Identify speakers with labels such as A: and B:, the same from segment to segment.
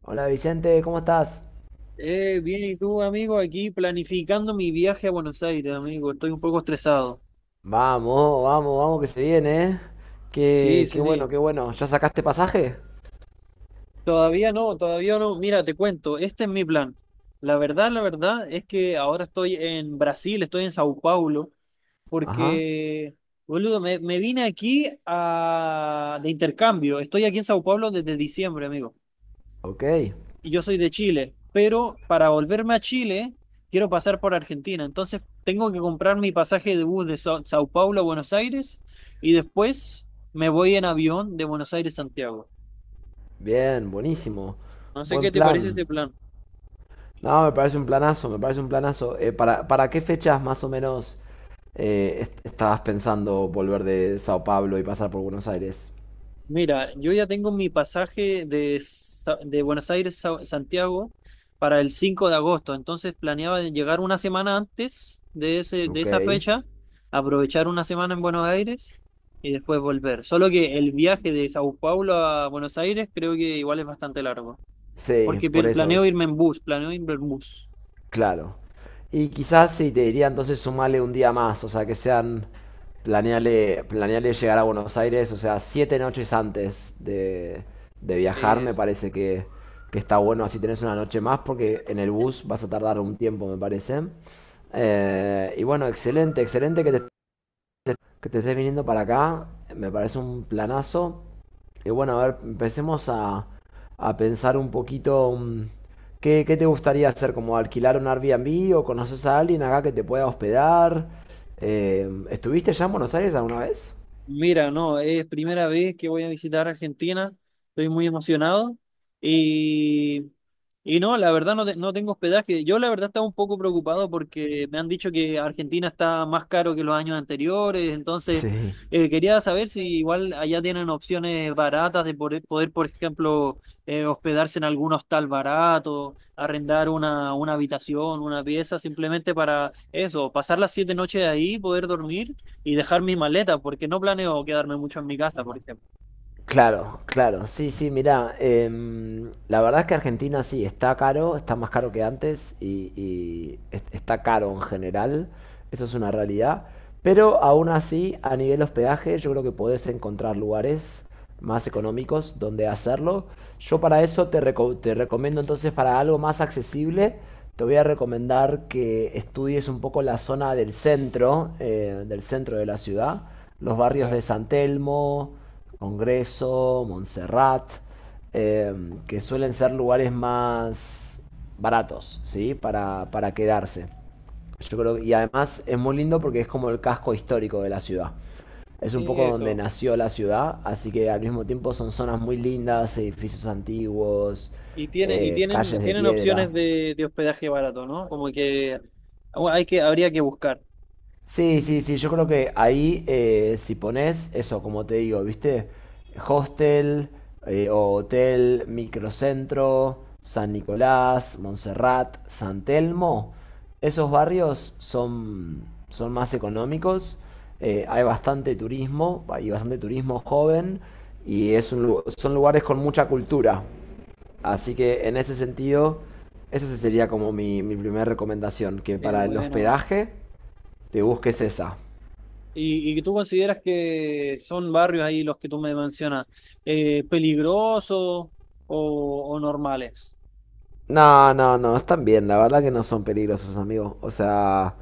A: Hola Vicente, ¿cómo estás?
B: Bien, ¿y tú, amigo? Aquí planificando mi viaje a Buenos Aires, amigo. Estoy un poco estresado.
A: Vamos, vamos, vamos, que se viene, ¿eh?
B: Sí,
A: Qué
B: sí, sí.
A: bueno, qué bueno. ¿Ya sacaste pasaje?
B: Todavía no, todavía no. Mira, te cuento, este es mi plan. La verdad es que ahora estoy en Brasil, estoy en Sao Paulo,
A: Ajá,
B: porque, boludo, me vine aquí a, de intercambio. Estoy aquí en Sao Paulo desde diciembre, amigo.
A: ok.
B: Y yo soy de Chile, pero para volverme a Chile quiero pasar por Argentina. Entonces tengo que comprar mi pasaje de bus de Sao Paulo a Buenos Aires y después me voy en avión de Buenos Aires a Santiago.
A: Bien, buenísimo.
B: No sé
A: Buen
B: qué te parece
A: plan.
B: este plan.
A: No, me parece un planazo, me parece un planazo. ¿Para qué fechas más o menos estabas pensando volver de Sao Paulo y pasar por Buenos Aires?
B: Mira, yo ya tengo mi pasaje de, de Buenos Aires a Santiago para el 5 de agosto, entonces planeaba de llegar una semana antes de ese, de
A: Ok.
B: esa fecha, aprovechar una semana en Buenos Aires y después volver. Solo que el viaje de Sao Paulo a Buenos Aires creo que igual es bastante largo,
A: Sí,
B: porque
A: por eso.
B: planeo irme en bus, planeo irme en bus.
A: Claro. Y quizás sí, te diría entonces sumale un día más, o sea, que sean, planeale, planeale llegar a Buenos Aires, o sea, siete noches antes de viajar, me parece que está bueno, así tenés una noche más, porque en el bus vas a tardar un tiempo, me parece. Y bueno, excelente, excelente que te estés viniendo para acá, me parece un planazo. Y bueno, a ver, empecemos a pensar un poquito ¿qué te gustaría hacer? ¿Como alquilar un Airbnb o conoces a alguien acá que te pueda hospedar? ¿Estuviste ya en Buenos Aires alguna vez?
B: Mira, no, es primera vez que voy a visitar Argentina, estoy muy emocionado y, y no, la verdad no, no tengo hospedaje. Yo la verdad estaba un poco preocupado porque me han dicho que Argentina está más caro que los años anteriores, entonces
A: Sí.
B: quería saber si igual allá tienen opciones baratas de poder, por ejemplo, hospedarse en algún hostal barato, arrendar una habitación, una pieza, simplemente para eso, pasar las 7 noches ahí, poder dormir y dejar mis maletas, porque no planeo quedarme mucho en mi casa, por ejemplo.
A: Claro, claro, sí, sí, mirá, la verdad es que Argentina sí, está caro, está más caro que antes y, está caro en general, eso es una realidad, pero aún así a nivel hospedaje yo creo que podés encontrar lugares más económicos donde hacerlo. Yo para eso te recomiendo entonces, para algo más accesible, te voy a recomendar que estudies un poco la zona del centro de la ciudad, los barrios
B: Ya,
A: de San Telmo, Congreso, Montserrat, eh, que suelen ser lugares más baratos, ¿sí? Para quedarse. Yo creo, y además es muy lindo porque es como el casco histórico de la ciudad. Es un poco donde
B: eso.
A: nació la ciudad, así que al mismo tiempo son zonas muy lindas, edificios antiguos,
B: Y tienen, y tienen,
A: calles de
B: tienen
A: piedra.
B: opciones de hospedaje barato, ¿no? Como que bueno, hay que, habría que buscar.
A: Sí, sí, sí, yo creo que ahí si pones eso, como te digo, ¿viste? Hostel, o hotel, microcentro, San Nicolás, Montserrat, San Telmo, esos barrios son, son más económicos, hay bastante turismo joven y es un son lugares con mucha cultura. Así que en ese sentido, esa sería como mi primera recomendación, que para el
B: Bueno.
A: hospedaje te busques esa.
B: Y tú consideras que son barrios ahí los que tú me mencionas, peligrosos o, o normales.
A: No, no, no, están bien, la verdad que no son peligrosos, amigo. O sea,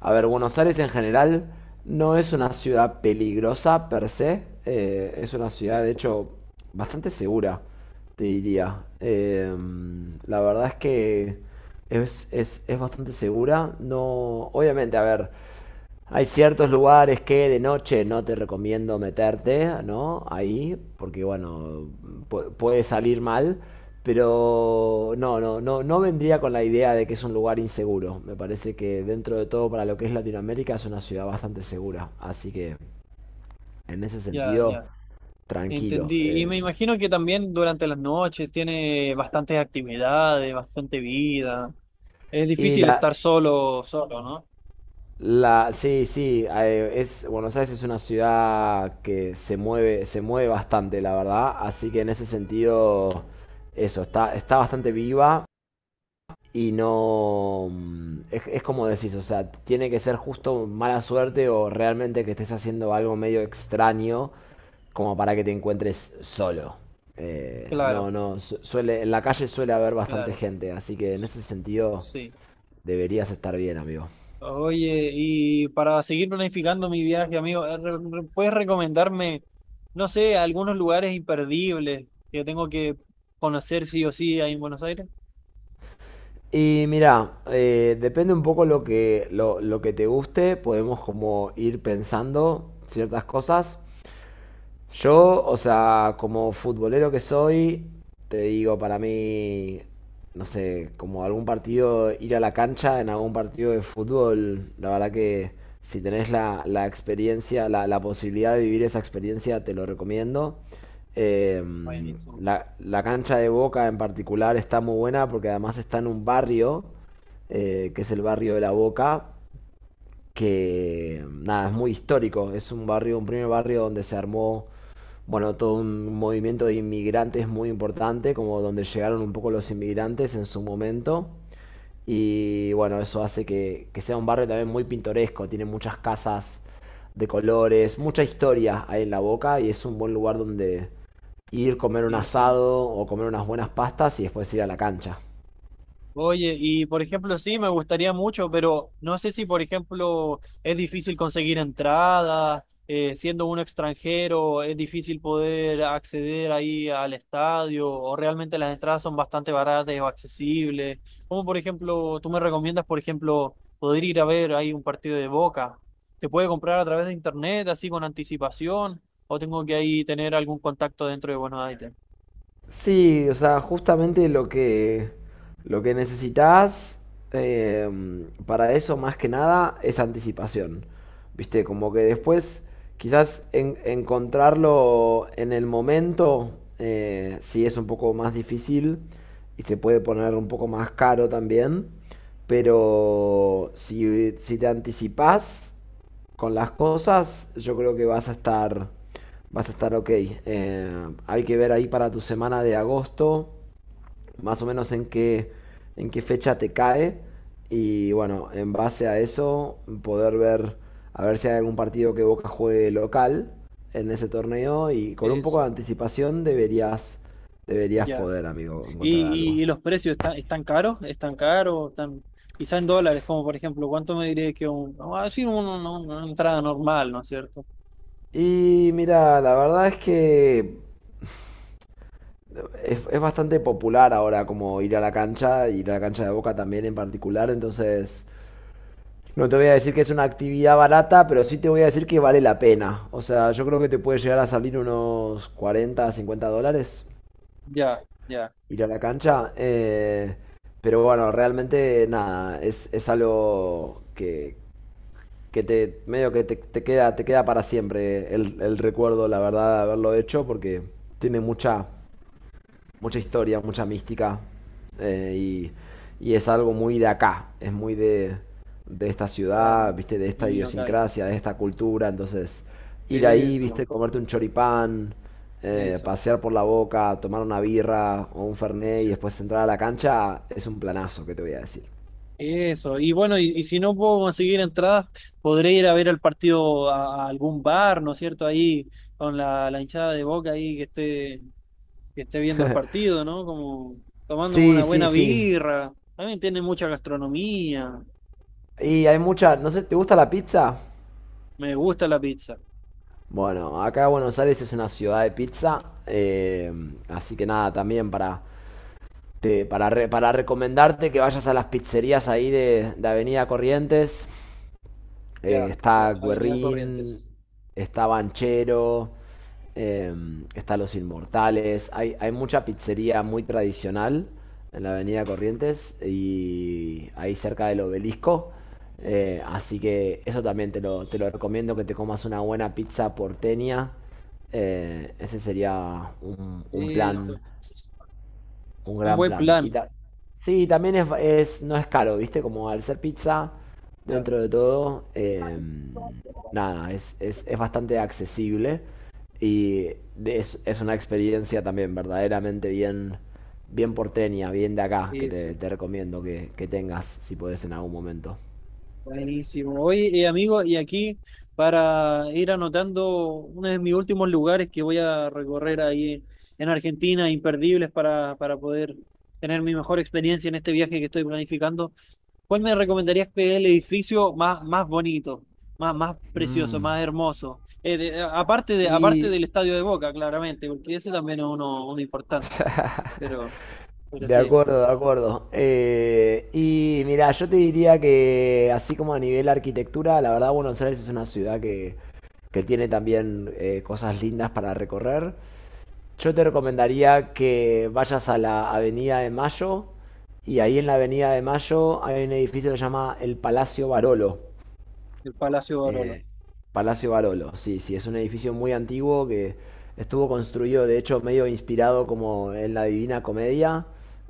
A: a ver, Buenos Aires en general no es una ciudad peligrosa per se, es una ciudad de
B: Ya,
A: hecho bastante segura, te diría. La verdad es que es bastante segura, no, obviamente, a ver. Hay ciertos lugares que de noche no te recomiendo meterte, ¿no? Ahí, porque bueno, puede salir mal, pero no, no, no, no vendría con la idea de que es un lugar inseguro. Me parece que dentro de todo, para lo que es Latinoamérica, es una ciudad bastante segura. Así que en ese
B: ya,
A: sentido,
B: ya.
A: tranquilo.
B: Entendí. Y me imagino que también durante las noches tiene bastantes actividades, bastante vida. Es
A: Y
B: difícil
A: la,
B: estar solo, solo, ¿no?
A: La, sí, sí, es, Buenos Aires es una ciudad que se mueve bastante, la verdad. Así que en ese sentido, eso, está, está bastante viva y no... es como decís, o sea, tiene que ser justo mala suerte o realmente que estés haciendo algo medio extraño como para que te encuentres solo.
B: Claro,
A: No, no, suele, en la calle suele haber bastante
B: claro,
A: gente, así que en ese sentido
B: sí.
A: deberías estar bien, amigo.
B: Oye, y para seguir planificando mi viaje, amigo, ¿puedes recomendarme, no sé, algunos lugares imperdibles que tengo que conocer sí o sí ahí en Buenos Aires?
A: Y mira, depende un poco lo que, lo que te guste, podemos como ir pensando ciertas cosas. Yo, o sea, como futbolero que soy, te digo, para mí, no sé, como algún partido, ir a la cancha en algún partido de fútbol, la verdad que si tenés la, la experiencia, la posibilidad de vivir esa experiencia, te lo recomiendo. Eh,
B: Buenísimo,
A: la, la cancha de Boca en particular está muy buena porque además está en un barrio, que es el barrio de la Boca, que nada, es muy histórico, es un barrio, un primer barrio donde se armó, bueno, todo un movimiento de inmigrantes muy importante, como donde llegaron un poco los inmigrantes en su momento. Y bueno, eso hace que sea un barrio también muy pintoresco, tiene muchas casas de colores, mucha historia hay en La Boca y es un buen lugar donde ir, comer un
B: buenísimo.
A: asado o comer unas buenas pastas y después ir a la cancha.
B: Oye, y por ejemplo, sí, me gustaría mucho, pero no sé si, por ejemplo, es difícil conseguir entradas, siendo uno extranjero, es difícil poder acceder ahí al estadio, o realmente las entradas son bastante baratas o accesibles. Como por ejemplo, tú me recomiendas, por ejemplo, poder ir a ver ahí un partido de Boca. ¿Se puede comprar a través de internet, así con anticipación, o tengo que ahí tener algún contacto dentro de Buenos Aires?
A: Sí, o sea, justamente lo que necesitas eh, para eso más que nada es anticipación. Viste, como que después quizás encontrarlo en el momento, sí es un poco más difícil y se puede poner un poco más caro también, pero si, si te anticipás con las cosas, yo creo que vas a estar, vas a estar ok. Hay que ver ahí para tu semana de agosto, más o menos en qué fecha te cae. Y bueno, en base a eso, poder ver, a ver si hay algún partido que Boca juegue local en ese torneo. Y con un poco de
B: Eso,
A: anticipación deberías, deberías
B: ya.
A: poder, amigo, encontrar algo.
B: Y los precios están, están caros? ¿Están caros? ¿Están, quizá en dólares, como por ejemplo, ¿cuánto me diría que un, así una entrada normal, ¿no es cierto?
A: Y mira, la verdad es que es bastante popular ahora como ir a la cancha, ir a la cancha de Boca también en particular, entonces no te voy a decir que es una actividad barata, pero sí te voy a decir que vale la pena. O sea, yo creo que te puede llegar a salir unos 40, 50 dólares
B: Ya, ya,
A: ir a la cancha. Pero bueno, realmente nada, es algo que te medio que te, te queda para siempre el recuerdo, la verdad, de haberlo hecho, porque tiene mucha mucha historia, mucha mística. Y, y es algo muy de acá, es muy de esta
B: claro,
A: ciudad, viste, de esta
B: un local.
A: idiosincrasia, de esta cultura. Entonces, ir ahí,
B: Eso,
A: viste, comerte un choripán,
B: eso,
A: pasear por la Boca, tomar una birra o un fernet y
B: eso.
A: después entrar a la cancha, es un planazo, que te voy a decir.
B: Eso. Y bueno, y si no puedo conseguir entradas, podré ir a ver el partido a algún bar, ¿no es cierto? Ahí con la, la hinchada de Boca ahí que esté viendo el partido, ¿no? Como tomándome una
A: Sí, sí,
B: buena
A: sí.
B: birra. También tiene mucha gastronomía.
A: Y hay mucha, no sé, ¿te gusta la pizza?
B: Me gusta la pizza.
A: Bueno, acá Buenos Aires es una ciudad de pizza, eh, así que nada, también para, para, para recomendarte que vayas a las pizzerías ahí de Avenida Corrientes.
B: Ya, ya,
A: Está
B: Avenida
A: Guerrín,
B: Corrientes.
A: está Banchero, eh, está Los Inmortales. Hay mucha pizzería muy tradicional en la Avenida Corrientes y ahí cerca del obelisco. Así que eso también te lo recomiendo, que te comas una buena pizza porteña. Ese sería un
B: Eso.
A: plan, un
B: Un
A: gran
B: buen
A: plan.
B: plan.
A: Sí, también es, no es caro, ¿viste? Como al ser pizza,
B: Claro,
A: dentro de todo, nada, es, es bastante accesible y es una experiencia también verdaderamente bien, bien porteña, bien de acá, que te,
B: eso.
A: te recomiendo que tengas si podés en algún momento.
B: Buenísimo. Oye, amigo, y aquí para ir anotando uno de mis últimos lugares que voy a recorrer ahí en Argentina, imperdibles para poder tener mi mejor experiencia en este viaje que estoy planificando. ¿Cuál me recomendarías que es el edificio más, más bonito, más, más precioso,
A: Mm,
B: más hermoso? Aparte de, aparte
A: Y
B: del Estadio de Boca, claramente, porque ese también es uno, uno importante. Pero, pero
A: de
B: sí,
A: acuerdo, de acuerdo. Y mira, yo te diría que así como a nivel arquitectura, la verdad Buenos Aires es una ciudad que tiene también cosas lindas para recorrer. Yo te recomendaría que vayas a la Avenida de Mayo y ahí en la Avenida de Mayo hay un edificio que se llama el Palacio Barolo.
B: el Palacio de Orolo.
A: Eh, Palacio Barolo, sí, sí, es un edificio muy antiguo que estuvo construido, de hecho, medio inspirado como en la Divina Comedia,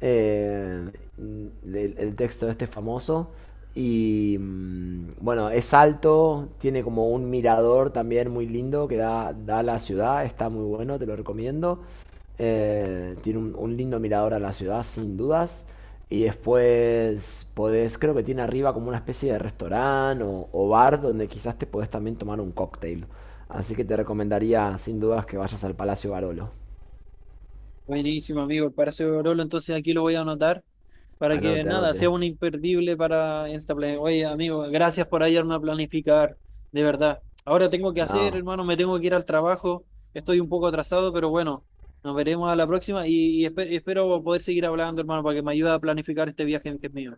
A: eh, el texto este famoso. Y bueno, es alto, tiene como un mirador también muy lindo que da, da a la ciudad, está muy bueno, te lo recomiendo. Tiene un lindo mirador a la ciudad, sin dudas. Y después podés, creo que tiene arriba como una especie de restaurante o bar donde quizás te podés también tomar un cóctel. Así que te recomendaría sin dudas que vayas al Palacio Barolo.
B: Buenísimo, amigo, el Palacio de Orolo. Entonces aquí lo voy a anotar, para que
A: Anote,
B: nada,
A: anote.
B: sea un imperdible para esta plan. Oye, amigo, gracias por ayudarme a planificar, de verdad. Ahora tengo que hacer,
A: No,
B: hermano, me tengo que ir al trabajo. Estoy un poco atrasado, pero bueno, nos veremos a la próxima y espero poder seguir hablando, hermano, para que me ayude a planificar este viaje que es mío.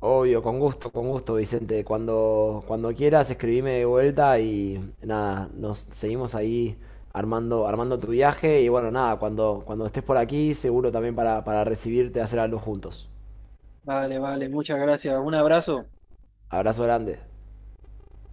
A: obvio, con gusto, Vicente. Cuando, cuando quieras, escribime de vuelta y nada, nos seguimos ahí armando, armando tu viaje. Y bueno, nada, cuando, cuando estés por aquí, seguro también para recibirte, hacer algo juntos.
B: Vale, vale, muchas gracias. Un abrazo.
A: Abrazo grande.